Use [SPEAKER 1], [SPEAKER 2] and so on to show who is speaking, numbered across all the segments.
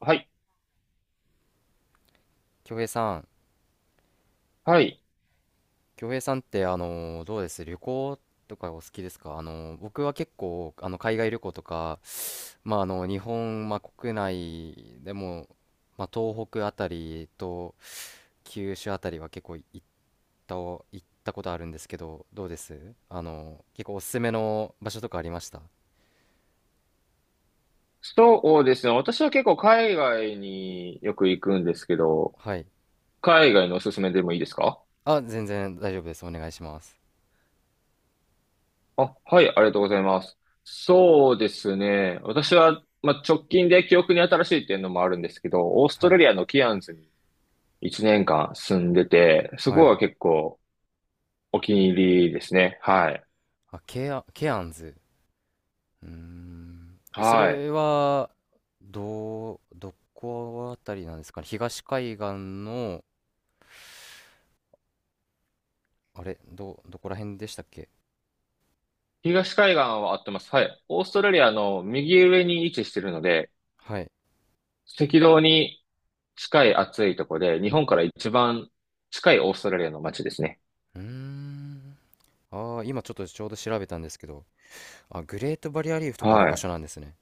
[SPEAKER 1] はい。
[SPEAKER 2] 京平さん、
[SPEAKER 1] はい。
[SPEAKER 2] 京平さんってどうです？旅行とかお好きですか？僕は結構海外旅行とか、まあ、日本、まあ、国内でも、まあ、東北あたりと九州あたりは結構た行ったことあるんですけどどうです？結構おすすめの場所とかありました？
[SPEAKER 1] そうですね。私は結構海外によく行くんですけど、
[SPEAKER 2] はい。
[SPEAKER 1] 海外のおすすめでもいいですか？
[SPEAKER 2] あ、全然大丈夫です。お願いします。
[SPEAKER 1] あ、はい、ありがとうございます。そうですね。私は、まあ、直近で記憶に新しいっていうのもあるんですけど、オースト
[SPEAKER 2] は
[SPEAKER 1] ラ
[SPEAKER 2] い、
[SPEAKER 1] リアのキアンズに1年間住んでて、そ
[SPEAKER 2] は
[SPEAKER 1] こ
[SPEAKER 2] い。
[SPEAKER 1] は結構お気に入りですね。はい。
[SPEAKER 2] あ、ケアンズ。うーん。そ
[SPEAKER 1] はい。
[SPEAKER 2] れは、どこあたりなんですかね？東海岸の、あれ、どこら辺でしたっけ？
[SPEAKER 1] 東海岸は合ってます。はい。オーストラリアの右上に位置してるので、
[SPEAKER 2] はい。
[SPEAKER 1] 赤道に近い暑いとこで、日本から一番近いオーストラリアの街ですね。
[SPEAKER 2] うーん。ああ、今ちょっとちょうど調べたんですけど、あ、グレートバリアリーフとかある
[SPEAKER 1] は
[SPEAKER 2] 場
[SPEAKER 1] い。
[SPEAKER 2] 所なんですね。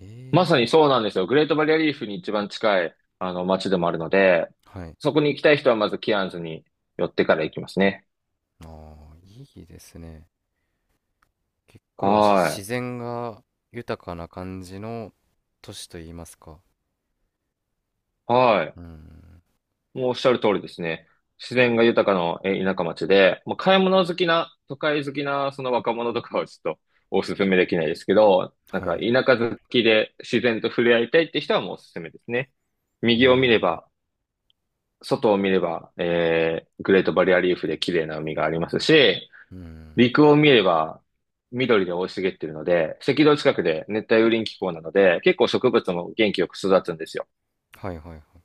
[SPEAKER 2] え
[SPEAKER 1] まさに
[SPEAKER 2] え。
[SPEAKER 1] そうなんですよ。グレートバリアリーフに一番近い、あの、街でもあるので、
[SPEAKER 2] はい。
[SPEAKER 1] そこに行きたい人はまずキアンズに寄ってから行きますね。
[SPEAKER 2] ああ、いいですね。結構
[SPEAKER 1] は
[SPEAKER 2] 自然が豊かな感じの都市といいますか？
[SPEAKER 1] い。はい。
[SPEAKER 2] うん。
[SPEAKER 1] もうおっしゃる通りですね。自然が豊かな田舎町で、まあ買い物好きな、都会好きなその若者とかはちょっとお勧めできないですけど、なん
[SPEAKER 2] は
[SPEAKER 1] か
[SPEAKER 2] い。
[SPEAKER 1] 田舎好きで自然と触れ合いたいって人はもうおすすめですね。
[SPEAKER 2] う
[SPEAKER 1] 右を見れ
[SPEAKER 2] ん。
[SPEAKER 1] ば、外を見れば、グレートバリアリーフで綺麗な海がありますし、
[SPEAKER 2] うん。
[SPEAKER 1] 陸を見れば緑で大い茂っているので、赤道近くで熱帯雨林気候なので、結構植物も元気よく育つんですよ。
[SPEAKER 2] はい、はい、はい。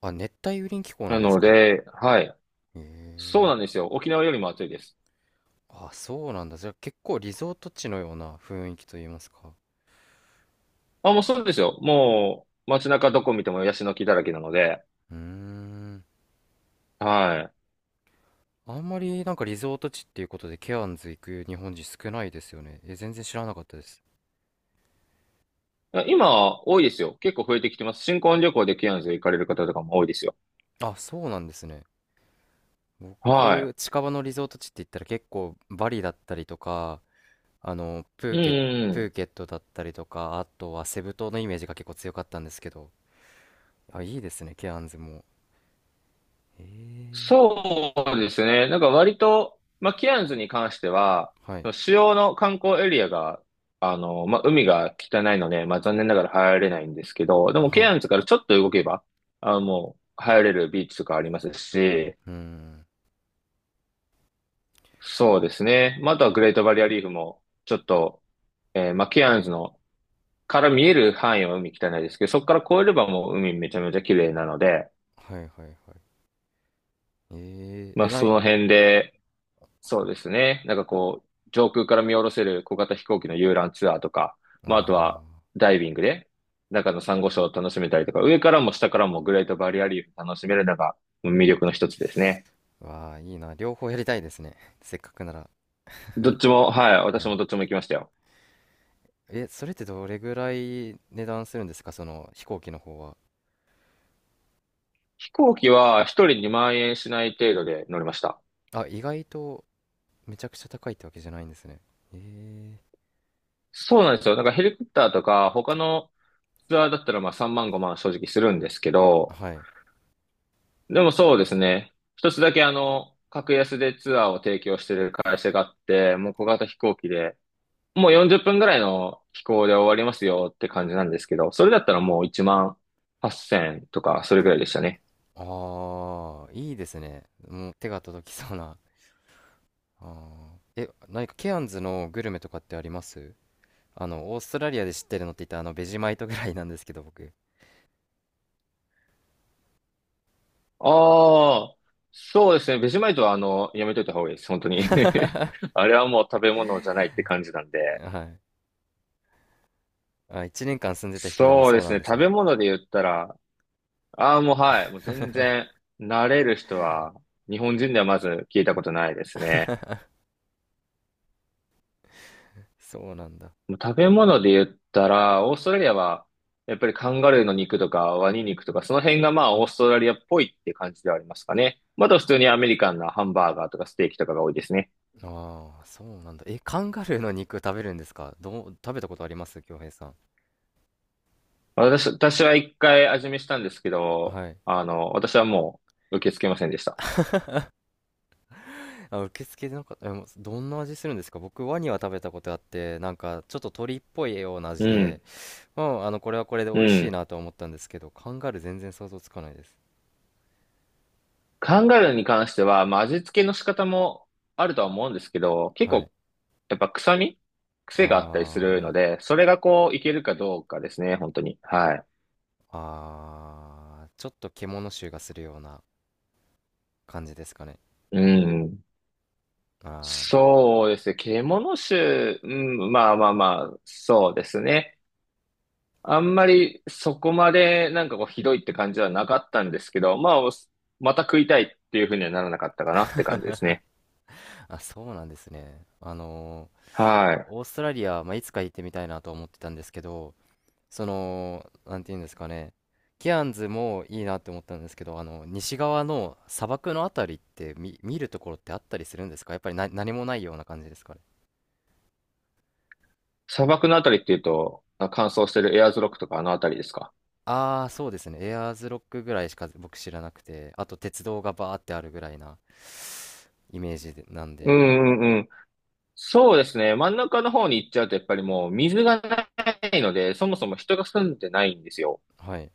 [SPEAKER 2] あ、熱帯雨林気候な
[SPEAKER 1] な
[SPEAKER 2] んです
[SPEAKER 1] の
[SPEAKER 2] か？
[SPEAKER 1] で、はい。
[SPEAKER 2] へ
[SPEAKER 1] そう
[SPEAKER 2] え。
[SPEAKER 1] なんですよ。沖縄よりも暑いです。
[SPEAKER 2] あ、そうなんだ。じゃあ結構リゾート地のような雰囲気といいますか？
[SPEAKER 1] あ、もうそうですよ。もう街中どこ見てもヤシの木だらけなので、
[SPEAKER 2] うーん。
[SPEAKER 1] はい。
[SPEAKER 2] あんまりなんかリゾート地っていうことでケアンズ行く日本人少ないですよね。え、全然知らなかったです。
[SPEAKER 1] いや今、多いですよ。結構増えてきてます。新婚旅行でケアンズ行かれる方とかも多いですよ。
[SPEAKER 2] あ、そうなんですね。僕、
[SPEAKER 1] は
[SPEAKER 2] 近場のリゾート地って言ったら結構バリだったりとか、あの、プ
[SPEAKER 1] い。
[SPEAKER 2] ー
[SPEAKER 1] う
[SPEAKER 2] ケ、プ
[SPEAKER 1] ん。
[SPEAKER 2] ーケットだったりとか、あとはセブ島のイメージが結構強かったんですけど。あ、いいですね、ケアンズも。へえ。
[SPEAKER 1] そうですね。なんか割と、まあ、ケアンズに関しては、
[SPEAKER 2] はい。
[SPEAKER 1] その主要の観光エリアが、あの、まあ、海が汚いので、まあ、残念ながら入れないんですけど、でも
[SPEAKER 2] は
[SPEAKER 1] ケ
[SPEAKER 2] い。
[SPEAKER 1] アンズからちょっと動けば、あもう入れるビーチとかありますし、
[SPEAKER 2] うーん。
[SPEAKER 1] そうですね。まあ、あとはグレートバリアリーフも、ちょっとえーマキアンズのから見える範囲は海汚いですけど、そこから越えればもう海めちゃめちゃ綺麗なので、
[SPEAKER 2] はい、はい、はい。
[SPEAKER 1] ま
[SPEAKER 2] え、
[SPEAKER 1] あ
[SPEAKER 2] な
[SPEAKER 1] そ
[SPEAKER 2] い、
[SPEAKER 1] の辺で、そうですね、なんかこう、上空から見下ろせる小型飛行機の遊覧ツアーとか、まああ
[SPEAKER 2] あ
[SPEAKER 1] とはダイビングで中のサンゴ礁を楽しめたりとか、上からも下からもグレートバリアリーフ楽しめるのが魅力の一つですね。
[SPEAKER 2] ー、わあ、いいな。両方やりたいですね。せっかくなら。
[SPEAKER 1] どっちも、はい、私
[SPEAKER 2] は
[SPEAKER 1] も
[SPEAKER 2] い。
[SPEAKER 1] どっちも行きましたよ。
[SPEAKER 2] え、それってどれぐらい値段するんですか？その飛行機の方は？
[SPEAKER 1] 飛行機は一人2万円しない程度で乗りました。
[SPEAKER 2] あ、意外とめちゃくちゃ高いってわけじゃないんですね。え
[SPEAKER 1] そうなんですよ。なんかヘリコプターとか他のツアーだったらまあ3万5万正直するんですけど、
[SPEAKER 2] はい。
[SPEAKER 1] でもそうですね。一つだけあの、格安でツアーを提供してる会社があって、もう小型飛行機で、もう40分ぐらいの飛行で終わりますよって感じなんですけど、それだったらもう1万8000とか、それぐらいでしたね。
[SPEAKER 2] ああ、いいですね。もう手が届きそうな。あー、え、何かケアンズのグルメとかってあります？オーストラリアで知ってるのって言ったらベジマイトぐらいなんですけど、僕。
[SPEAKER 1] ああ、そうですね。ベジマイトはあの、やめといた方がいいです。本当 に。
[SPEAKER 2] は
[SPEAKER 1] あれはもう食べ物じゃないって感じなんで。
[SPEAKER 2] い。あ、1年間住んでた人でも
[SPEAKER 1] そうで
[SPEAKER 2] そう
[SPEAKER 1] す
[SPEAKER 2] なん
[SPEAKER 1] ね。
[SPEAKER 2] です
[SPEAKER 1] 食
[SPEAKER 2] ね。
[SPEAKER 1] べ物で言ったら、ああ、もうはい。もう全 然、慣れる人は、日本人ではまず聞いたことないですね。
[SPEAKER 2] そうなんだ。
[SPEAKER 1] もう食べ物で言ったら、オーストラリアは、やっぱりカンガルーの肉とかワニ肉とか、その辺がまあオーストラリアっぽいって感じではありますかね。まだ普通にアメリカンなハンバーガーとかステーキとかが多いですね。
[SPEAKER 2] ああ、そうなんだ。え、カンガルーの肉食べるんですか？食べたことあります、京平さん？
[SPEAKER 1] 私は一回味見したんですけど、
[SPEAKER 2] はい。
[SPEAKER 1] あの、私はもう受け付けませんでした。
[SPEAKER 2] あ、受付でなんか、もうどんな味するんですか？僕、ワニは食べたことあって、なんか、ちょっと鳥っぽいような
[SPEAKER 1] う
[SPEAKER 2] 味で、
[SPEAKER 1] ん、
[SPEAKER 2] うん、これはこれで
[SPEAKER 1] う
[SPEAKER 2] 美味しい
[SPEAKER 1] ん。
[SPEAKER 2] なと思ったんですけど、カンガルー全然想像つかないです。
[SPEAKER 1] カンガルーに関しては、まあ味付けの仕方もあるとは思うんですけど、結
[SPEAKER 2] はい。
[SPEAKER 1] 構やっぱ臭み癖があったりするの
[SPEAKER 2] あ
[SPEAKER 1] で、それがこう、いけるかどうかですね、本当に。はい。
[SPEAKER 2] あ、ああ、ちょっと獣臭がするような感じですかね。
[SPEAKER 1] うん。
[SPEAKER 2] ああ。
[SPEAKER 1] そうですね。獣種、うん、まあまあまあ、そうですね。あんまりそこまでなんかこう、ひどいって感じはなかったんですけど、まあ、おまた食いたいっていうふうにはならなかったかなって感じですね。
[SPEAKER 2] あ、そうなんですね。
[SPEAKER 1] はい。
[SPEAKER 2] オーストラリア、まあ、いつか行ってみたいなと思ってたんですけど、その、なんていうんですかね、ケアンズもいいなって思ったんですけど、西側の砂漠のあたりって見るところってあったりするんですか？やっぱりな何もないような感じですかね？
[SPEAKER 1] 砂漠のあたりっていうと、乾燥してるエアーズロックとかあのあたりですか？
[SPEAKER 2] ああ、そうですね。エアーズロックぐらいしか僕知らなくて、あと鉄道がバーってあるぐらいなイメージでなん
[SPEAKER 1] う
[SPEAKER 2] で、
[SPEAKER 1] んうん、そうですね。真ん中の方に行っちゃうと、やっぱりもう水がないので、そもそも人が住んでないんですよ。
[SPEAKER 2] はい。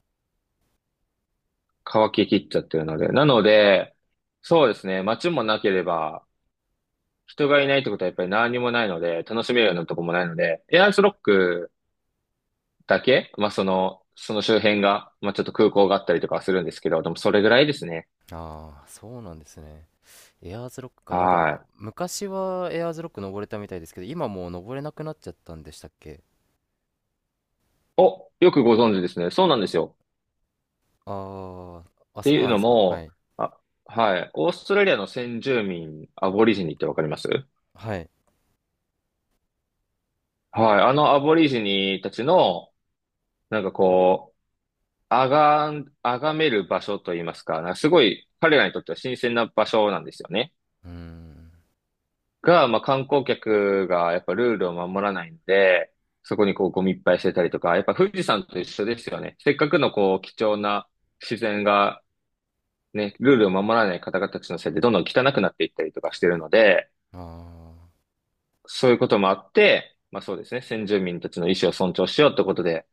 [SPEAKER 1] 乾ききっちゃってるので。なので、そうですね。街もなければ、人がいないってことはやっぱり何にもないので、楽しめるようなとこもないので、エアーズロックだけ、まあその、その周辺が、まあちょっと空港があったりとかはするんですけど、でもそれぐらいですね。
[SPEAKER 2] ああ、そうなんですね。エアーズロックか、なん
[SPEAKER 1] は
[SPEAKER 2] か
[SPEAKER 1] い。
[SPEAKER 2] 昔はエアーズロック登れたみたいですけど、今もう登れなくなっちゃったんでしたっけ？
[SPEAKER 1] お、よくご存知ですね。そうなんですよ。
[SPEAKER 2] ああ、
[SPEAKER 1] っ
[SPEAKER 2] あ、
[SPEAKER 1] て
[SPEAKER 2] そう
[SPEAKER 1] いう
[SPEAKER 2] なんで
[SPEAKER 1] の
[SPEAKER 2] すか。は
[SPEAKER 1] も、
[SPEAKER 2] い。
[SPEAKER 1] あ、はい。オーストラリアの先住民、アボリジニってわかります
[SPEAKER 2] はい。
[SPEAKER 1] はい。あのアボリジニたちの、なんかこう、あが、あがめる場所といいますか、なんかすごい彼らにとっては新鮮な場所なんですよね。
[SPEAKER 2] うーん。
[SPEAKER 1] が、まあ観光客がやっぱルールを守らないので、そこにこうゴミいっぱいしてたりとか、やっぱ富士山と一緒ですよね。せっかくのこう貴重な自然がね、ルールを守らない方々たちのせいでどんどん汚くなっていったりとかしてるので、
[SPEAKER 2] あ
[SPEAKER 1] そういうこともあって、まあそうですね、先住民たちの意思を尊重しようってことで、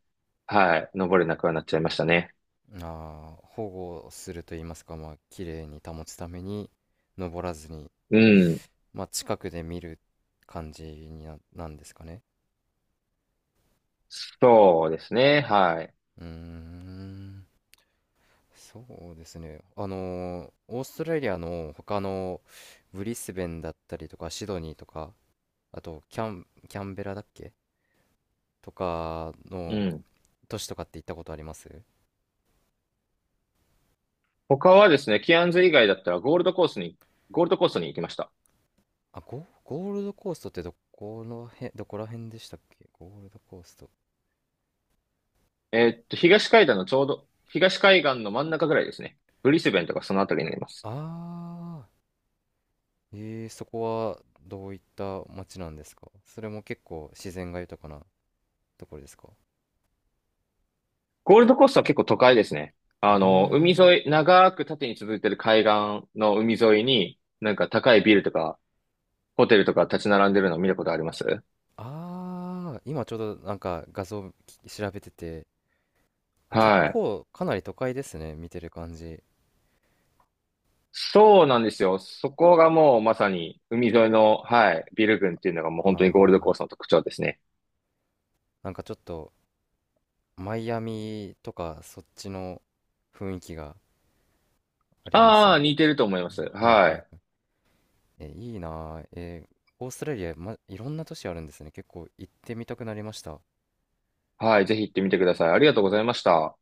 [SPEAKER 1] はい、登れなくはなっちゃいましたね。
[SPEAKER 2] ーあー、保護すると言いますか、まあ、綺麗に保つために登らずに、
[SPEAKER 1] うん。
[SPEAKER 2] まあ、近くで見る感じになんですかね？
[SPEAKER 1] そうですね。はい。
[SPEAKER 2] うーん。そうですね。オーストラリアの他のブリスベンだったりとかシドニーとか、あと、キャンベラだっけ、とか
[SPEAKER 1] う
[SPEAKER 2] の
[SPEAKER 1] ん。
[SPEAKER 2] 都市とかって行ったことあります？
[SPEAKER 1] 他はですね、キアンズ以外だったらゴールドコーストに行きました。
[SPEAKER 2] あ、ゴールドコーストってどこの辺、どこら辺でしたっけ、ゴールドコースト？
[SPEAKER 1] えーっと、東海岸のちょうど、東海岸の真ん中ぐらいですね。ブリスベンとかそのあたりになります。
[SPEAKER 2] ああ、そこはどういった街なんですか？それも結構自然が豊かなところですか？
[SPEAKER 1] ゴールドコーストは結構都会ですね。
[SPEAKER 2] うー
[SPEAKER 1] あの、海
[SPEAKER 2] ん。
[SPEAKER 1] 沿い、長く縦に続いてる海岸の海沿いに、なんか高いビルとか、ホテルとか立ち並んでるのを見たことあります
[SPEAKER 2] ああ、今ちょうどなんか画像調べてて、あ、結
[SPEAKER 1] はい。
[SPEAKER 2] 構かなり都会ですね、見てる感じ。
[SPEAKER 1] そうなんですよ。そこがもうまさに海沿いの、はい、ビル群っていうのがもう
[SPEAKER 2] あ
[SPEAKER 1] 本当にゴールドコー
[SPEAKER 2] あ、
[SPEAKER 1] ストの特徴ですね。
[SPEAKER 2] なんかちょっとマイアミとかそっちの雰囲気があります
[SPEAKER 1] ああ、
[SPEAKER 2] ね。
[SPEAKER 1] 似てると思いま
[SPEAKER 2] う
[SPEAKER 1] す。
[SPEAKER 2] ん、はい、
[SPEAKER 1] は
[SPEAKER 2] はい、はい。
[SPEAKER 1] い。
[SPEAKER 2] え、いいなあ、オーストラリア、ま、いろんな都市あるんですね。結構行ってみたくなりました。
[SPEAKER 1] はい、ぜひ行ってみてください。ありがとうございました。